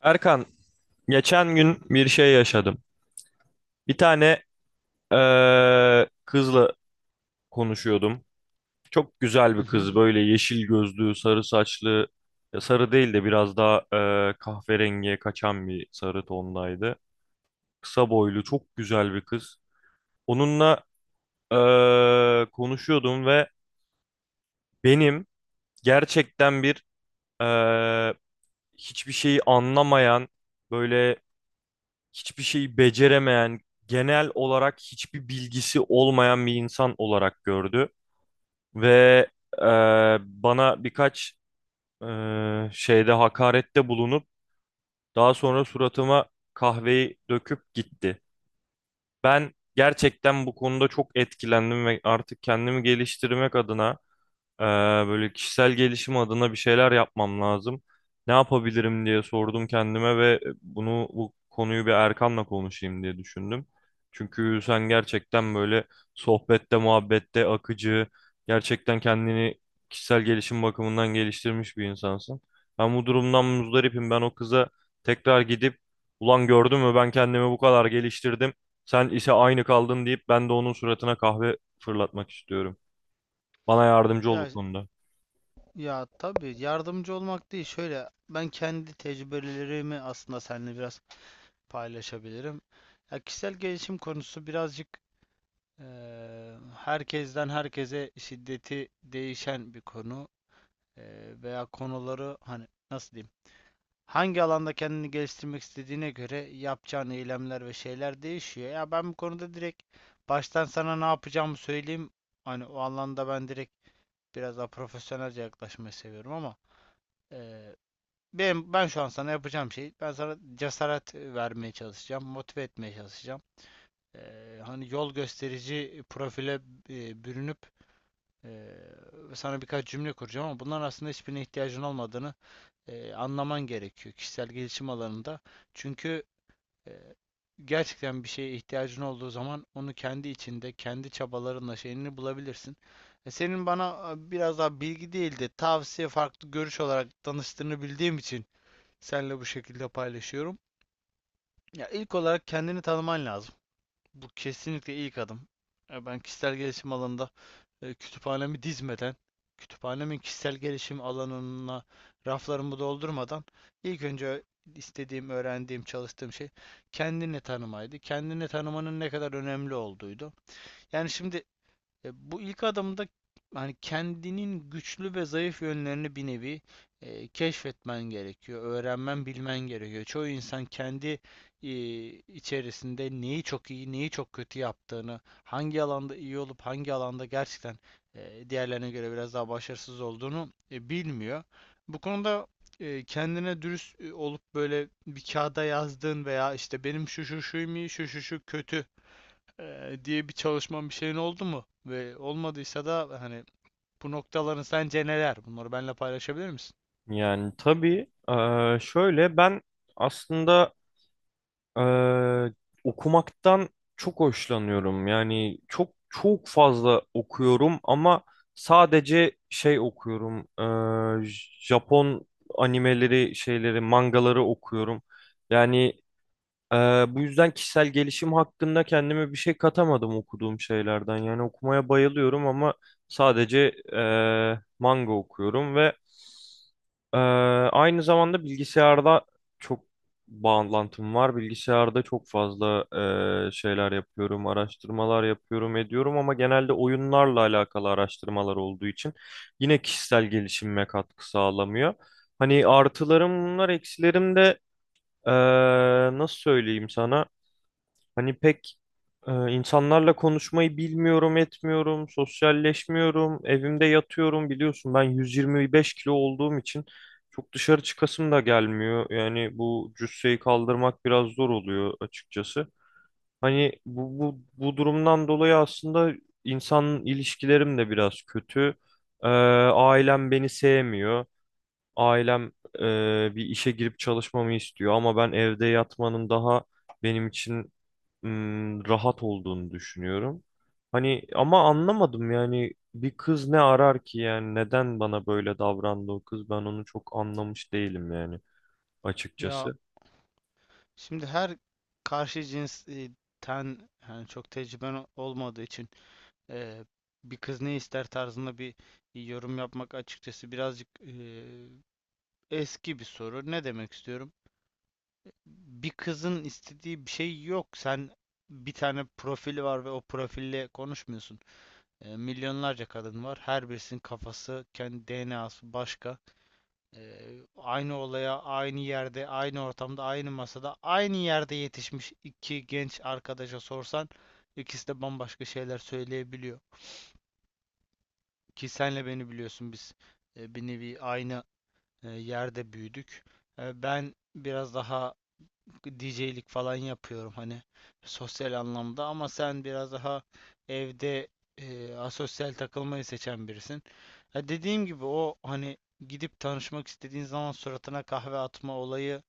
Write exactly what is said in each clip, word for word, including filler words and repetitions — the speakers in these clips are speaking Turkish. Erkan, geçen gün bir şey yaşadım. Bir tane eee, kızla konuşuyordum. Çok güzel Hı bir hı. kız, böyle yeşil gözlü, sarı saçlı, ya sarı değil de biraz daha eee, kahverengiye kaçan bir sarı tondaydı. Kısa boylu, çok güzel bir kız. Onunla eee, konuşuyordum ve benim gerçekten bir eee, hiçbir şeyi anlamayan, böyle hiçbir şeyi beceremeyen, genel olarak hiçbir bilgisi olmayan bir insan olarak gördü. Ve e, bana birkaç e, şeyde hakarette bulunup daha sonra suratıma kahveyi döküp gitti. Ben gerçekten bu konuda çok etkilendim ve artık kendimi geliştirmek adına ee, böyle kişisel gelişim adına bir şeyler yapmam lazım. Ne yapabilirim diye sordum kendime ve bunu bu konuyu bir Erkan'la konuşayım diye düşündüm. Çünkü sen gerçekten böyle sohbette, muhabbette akıcı, gerçekten kendini kişisel gelişim bakımından geliştirmiş bir insansın. Ben bu durumdan muzdaripim. Ben o kıza tekrar gidip ulan gördün mü ben kendimi bu kadar geliştirdim. Sen ise aynı kaldın deyip ben de onun suratına kahve fırlatmak istiyorum. Bana yardımcı ol Ya bu konuda. ya tabii yardımcı olmak değil. Şöyle ben kendi tecrübelerimi aslında seninle biraz paylaşabilirim. Ya kişisel gelişim konusu birazcık eee, herkesten herkese şiddeti değişen bir konu. Eee, veya konuları hani nasıl diyeyim, hangi alanda kendini geliştirmek istediğine göre yapacağın eylemler ve şeyler değişiyor. Ya ben bu konuda direkt baştan sana ne yapacağımı söyleyeyim. Hani o alanda ben direkt biraz daha profesyonelce yaklaşmayı seviyorum ama eee benim ben şu an sana yapacağım şey, ben sana cesaret e, vermeye çalışacağım, motive etmeye çalışacağım. Eee, hani yol gösterici profile e, bürünüp eee, sana birkaç cümle kuracağım ama bunların aslında hiçbirine ihtiyacın olmadığını e, anlaman gerekiyor kişisel gelişim alanında. Çünkü e, gerçekten bir şeye ihtiyacın olduğu zaman onu kendi içinde, kendi çabalarınla şeyini bulabilirsin. E, senin bana e, biraz daha bilgi değil de tavsiye, farklı görüş olarak danıştığını bildiğim için seninle bu şekilde paylaşıyorum. Ya ilk olarak kendini tanıman lazım. Bu kesinlikle ilk adım. E, Ben kişisel gelişim alanında e, kütüphanemi dizmeden, kütüphanemin kişisel gelişim alanına raflarımı doldurmadan ilk önce istediğim, öğrendiğim, çalıştığım şey kendini tanımaydı. Kendini tanımanın ne kadar önemli olduğuydu. Yani şimdi e, bu ilk adımda hani kendinin güçlü ve zayıf yönlerini bir nevi e, keşfetmen gerekiyor, öğrenmen, bilmen gerekiyor. Çoğu insan kendi e, içerisinde neyi çok iyi, neyi çok kötü yaptığını, hangi alanda iyi olup hangi alanda gerçekten e, diğerlerine göre biraz daha başarısız olduğunu e, bilmiyor. Bu konuda e, kendine dürüst e, olup böyle bir kağıda yazdığın veya işte benim şu şu şu iyi, şu şu şu kötü e, diye bir çalışman bir şeyin oldu mu? Ve olmadıysa da hani bu noktaların sence neler? Bunları benimle paylaşabilir misin? Yani tabii, eee, şöyle ben aslında eee, okumaktan çok hoşlanıyorum. Yani çok çok fazla okuyorum ama sadece şey okuyorum. eee, Japon animeleri, şeyleri, mangaları okuyorum. Yani eee, bu yüzden kişisel gelişim hakkında kendime bir şey katamadım okuduğum şeylerden. Yani okumaya bayılıyorum ama sadece eee, manga okuyorum ve ee, aynı zamanda bilgisayarda çok bağlantım var. Bilgisayarda çok fazla e, şeyler yapıyorum, araştırmalar yapıyorum, ediyorum ama genelde oyunlarla alakalı araştırmalar olduğu için yine kişisel gelişimime katkı sağlamıyor. Hani artılarım bunlar, eksilerim de e, nasıl söyleyeyim sana? Hani pek e, insanlarla konuşmayı bilmiyorum, etmiyorum, sosyalleşmiyorum, evimde yatıyorum, biliyorsun ben yüz yirmi beş kilo olduğum için çok dışarı çıkasım da gelmiyor. Yani bu cüsseyi kaldırmak biraz zor oluyor açıkçası. Hani bu, bu, bu durumdan dolayı aslında insan ilişkilerim de biraz kötü. E, Ailem beni sevmiyor. Ailem e, bir işe girip çalışmamı istiyor ama ben evde yatmanın daha benim için ım, rahat olduğunu düşünüyorum. Hani ama anlamadım yani bir kız ne arar ki, yani neden bana böyle davrandı o kız, ben onu çok anlamış değilim yani Ya açıkçası. şimdi her karşı cinsten, yani çok tecrüben o- olmadığı için eee, bir kız ne ister tarzında bir yorum yapmak açıkçası birazcık eee, eski bir soru. Ne demek istiyorum? Bir kızın istediği bir şey yok. Sen, bir tane profili var ve o profille konuşmuyorsun. E, milyonlarca kadın var. Her birisinin kafası, kendi D N A'sı başka. E, Aynı olaya, aynı yerde, aynı ortamda, aynı masada, aynı yerde yetişmiş iki genç arkadaşa sorsan ikisi de bambaşka şeyler söyleyebiliyor. Ki senle beni biliyorsun, biz e, bir nevi aynı e, yerde büyüdük. E, ben biraz daha D J'lik falan yapıyorum, hani sosyal anlamda, ama sen biraz daha evde e, asosyal takılmayı seçen birisin. Ya dediğim gibi o hani gidip tanışmak istediğin zaman suratına kahve atma olayı,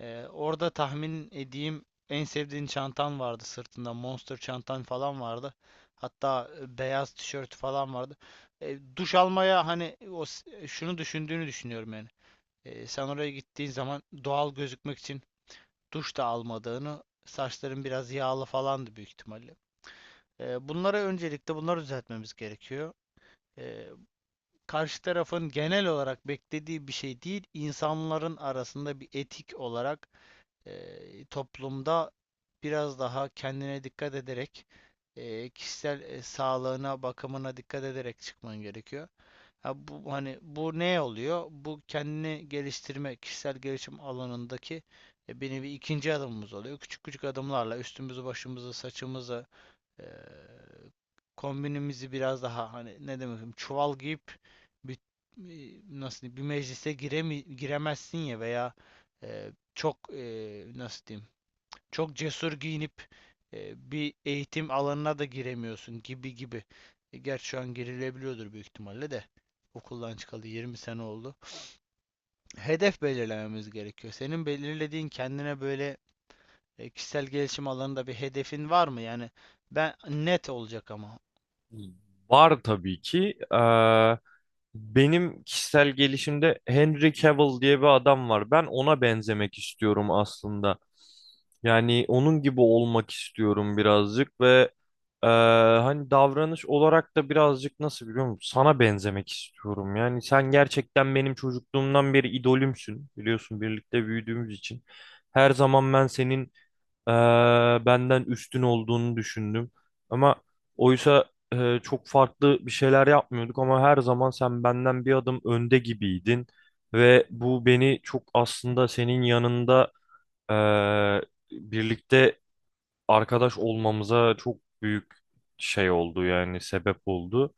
e, orada tahmin edeyim en sevdiğin çantan vardı sırtında, Monster çantan falan vardı. Hatta e, beyaz tişört falan vardı. E, duş almaya hani o s- e, şunu düşündüğünü düşünüyorum yani. E, sen oraya gittiğin zaman doğal gözükmek için duş da almadığını, saçların biraz yağlı falandı büyük ihtimalle. Ee, bunlara, öncelikle bunları düzeltmemiz gerekiyor. Ee, Karşı tarafın genel olarak beklediği bir şey değil, insanların arasında bir etik olarak e, toplumda biraz daha kendine dikkat ederek e, kişisel e, sağlığına, bakımına dikkat ederek çıkman gerekiyor. Ha bu hani bu ne oluyor? Bu kendini geliştirme, kişisel gelişim alanındaki e, bir nevi ikinci adımımız oluyor. Küçük küçük adımlarla üstümüzü, başımızı, saçımızı, eee kombinimizi biraz daha, hani ne demek, çuval giyip bir, nasıl diyeyim, bir meclise giremi, giremezsin ya, veya eee, çok eee, nasıl diyeyim, çok cesur giyinip eee, bir eğitim alanına da giremiyorsun gibi gibi. E, Gerçi şu an girilebiliyordur büyük ihtimalle de, okuldan çıkalı yirmi sene oldu. Hedef belirlememiz gerekiyor. Senin belirlediğin kendine böyle e, kişisel gelişim alanında bir hedefin var mı? Yani ben net olacak ama Var tabii ki. Benim kişisel gelişimde Henry Cavill diye bir adam var. Ben ona benzemek istiyorum aslında. Yani onun gibi olmak istiyorum birazcık ve eee, hani davranış olarak da birazcık nasıl, biliyor musun? Sana benzemek istiyorum. Yani sen gerçekten benim çocukluğumdan beri idolümsün. Biliyorsun birlikte büyüdüğümüz için. Her zaman ben senin e, benden üstün olduğunu düşündüm. Ama oysa e, çok farklı bir şeyler yapmıyorduk ama her zaman sen benden bir adım önde gibiydin ve bu beni çok, aslında senin yanında e, birlikte arkadaş olmamıza çok büyük şey oldu, yani sebep oldu.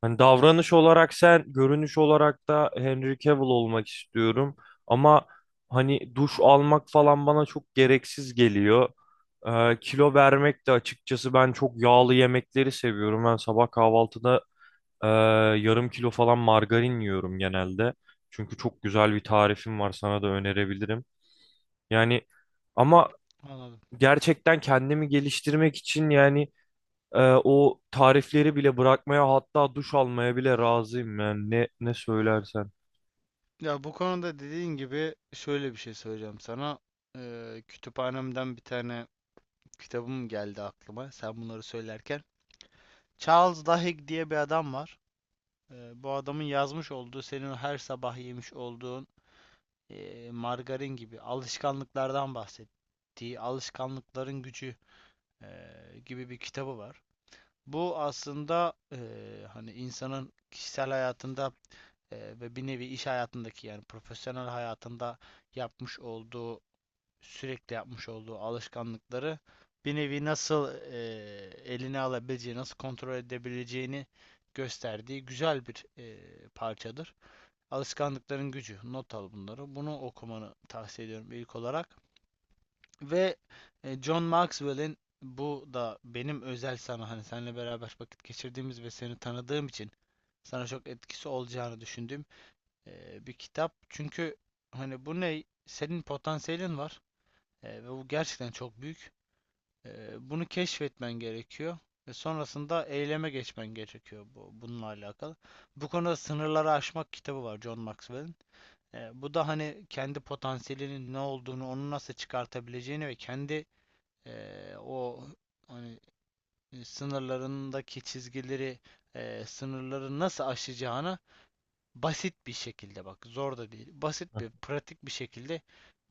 Hani davranış olarak sen, görünüş olarak da Henry Cavill olmak istiyorum. Ama hani duş almak falan bana çok gereksiz geliyor. Ee, kilo vermek de açıkçası, ben çok yağlı yemekleri seviyorum. Ben sabah kahvaltıda e, yarım kilo falan margarin yiyorum genelde. Çünkü çok güzel bir tarifim var, sana da önerebilirim. Yani ama anladım. gerçekten kendimi geliştirmek için yani ee, o tarifleri bile bırakmaya, hatta duş almaya bile razıyım, yani ne ne söylersen. Ya bu konuda dediğin gibi şöyle bir şey söyleyeceğim sana. Ee, kütüphanemden bir tane kitabım geldi aklıma sen bunları söylerken. Charles Duhigg diye bir adam var. Ee, bu adamın yazmış olduğu, senin o her sabah yemiş olduğun e, margarin gibi alışkanlıklardan bahsettiği Alışkanlıkların Gücü e, gibi bir kitabı var. Bu aslında e, hani insanın kişisel hayatında Eee, ve bir nevi iş hayatındaki, yani profesyonel hayatında yapmış olduğu sürekli yapmış olduğu alışkanlıkları bir nevi nasıl eee, eline alabileceği, nasıl kontrol edebileceğini gösterdiği güzel bir eee, parçadır. Alışkanlıkların Gücü. Not al bunları. Bunu okumanı tavsiye ediyorum ilk olarak. Ve e, John Maxwell'in, bu da benim özel sana, hani seninle beraber vakit geçirdiğimiz ve seni tanıdığım için sana çok etkisi olacağını düşündüğüm e, bir kitap. Çünkü hani bu ne? Senin potansiyelin var. E, ve bu gerçekten çok büyük. E, Bunu keşfetmen gerekiyor ve sonrasında eyleme geçmen gerekiyor bu, bununla alakalı. Bu konuda Sınırları Aşmak kitabı var John Maxwell'in. E, bu da hani kendi potansiyelinin ne olduğunu, onu nasıl çıkartabileceğini ve kendi e, o hani e, sınırlarındaki çizgileri, e, sınırları nasıl aşacağını basit bir şekilde, bak zor da değil, basit Heh, bir pratik bir şekilde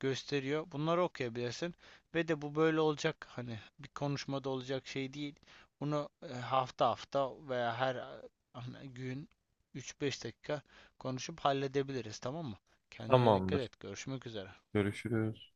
gösteriyor. Bunları okuyabilirsin. Ve de bu böyle olacak hani bir konuşmada olacak şey değil. Bunu e, hafta hafta veya her e, hani gün üç beş dakika konuşup halledebiliriz, tamam mı? Kendine dikkat tamamdır. et. Görüşmek üzere. Görüşürüz.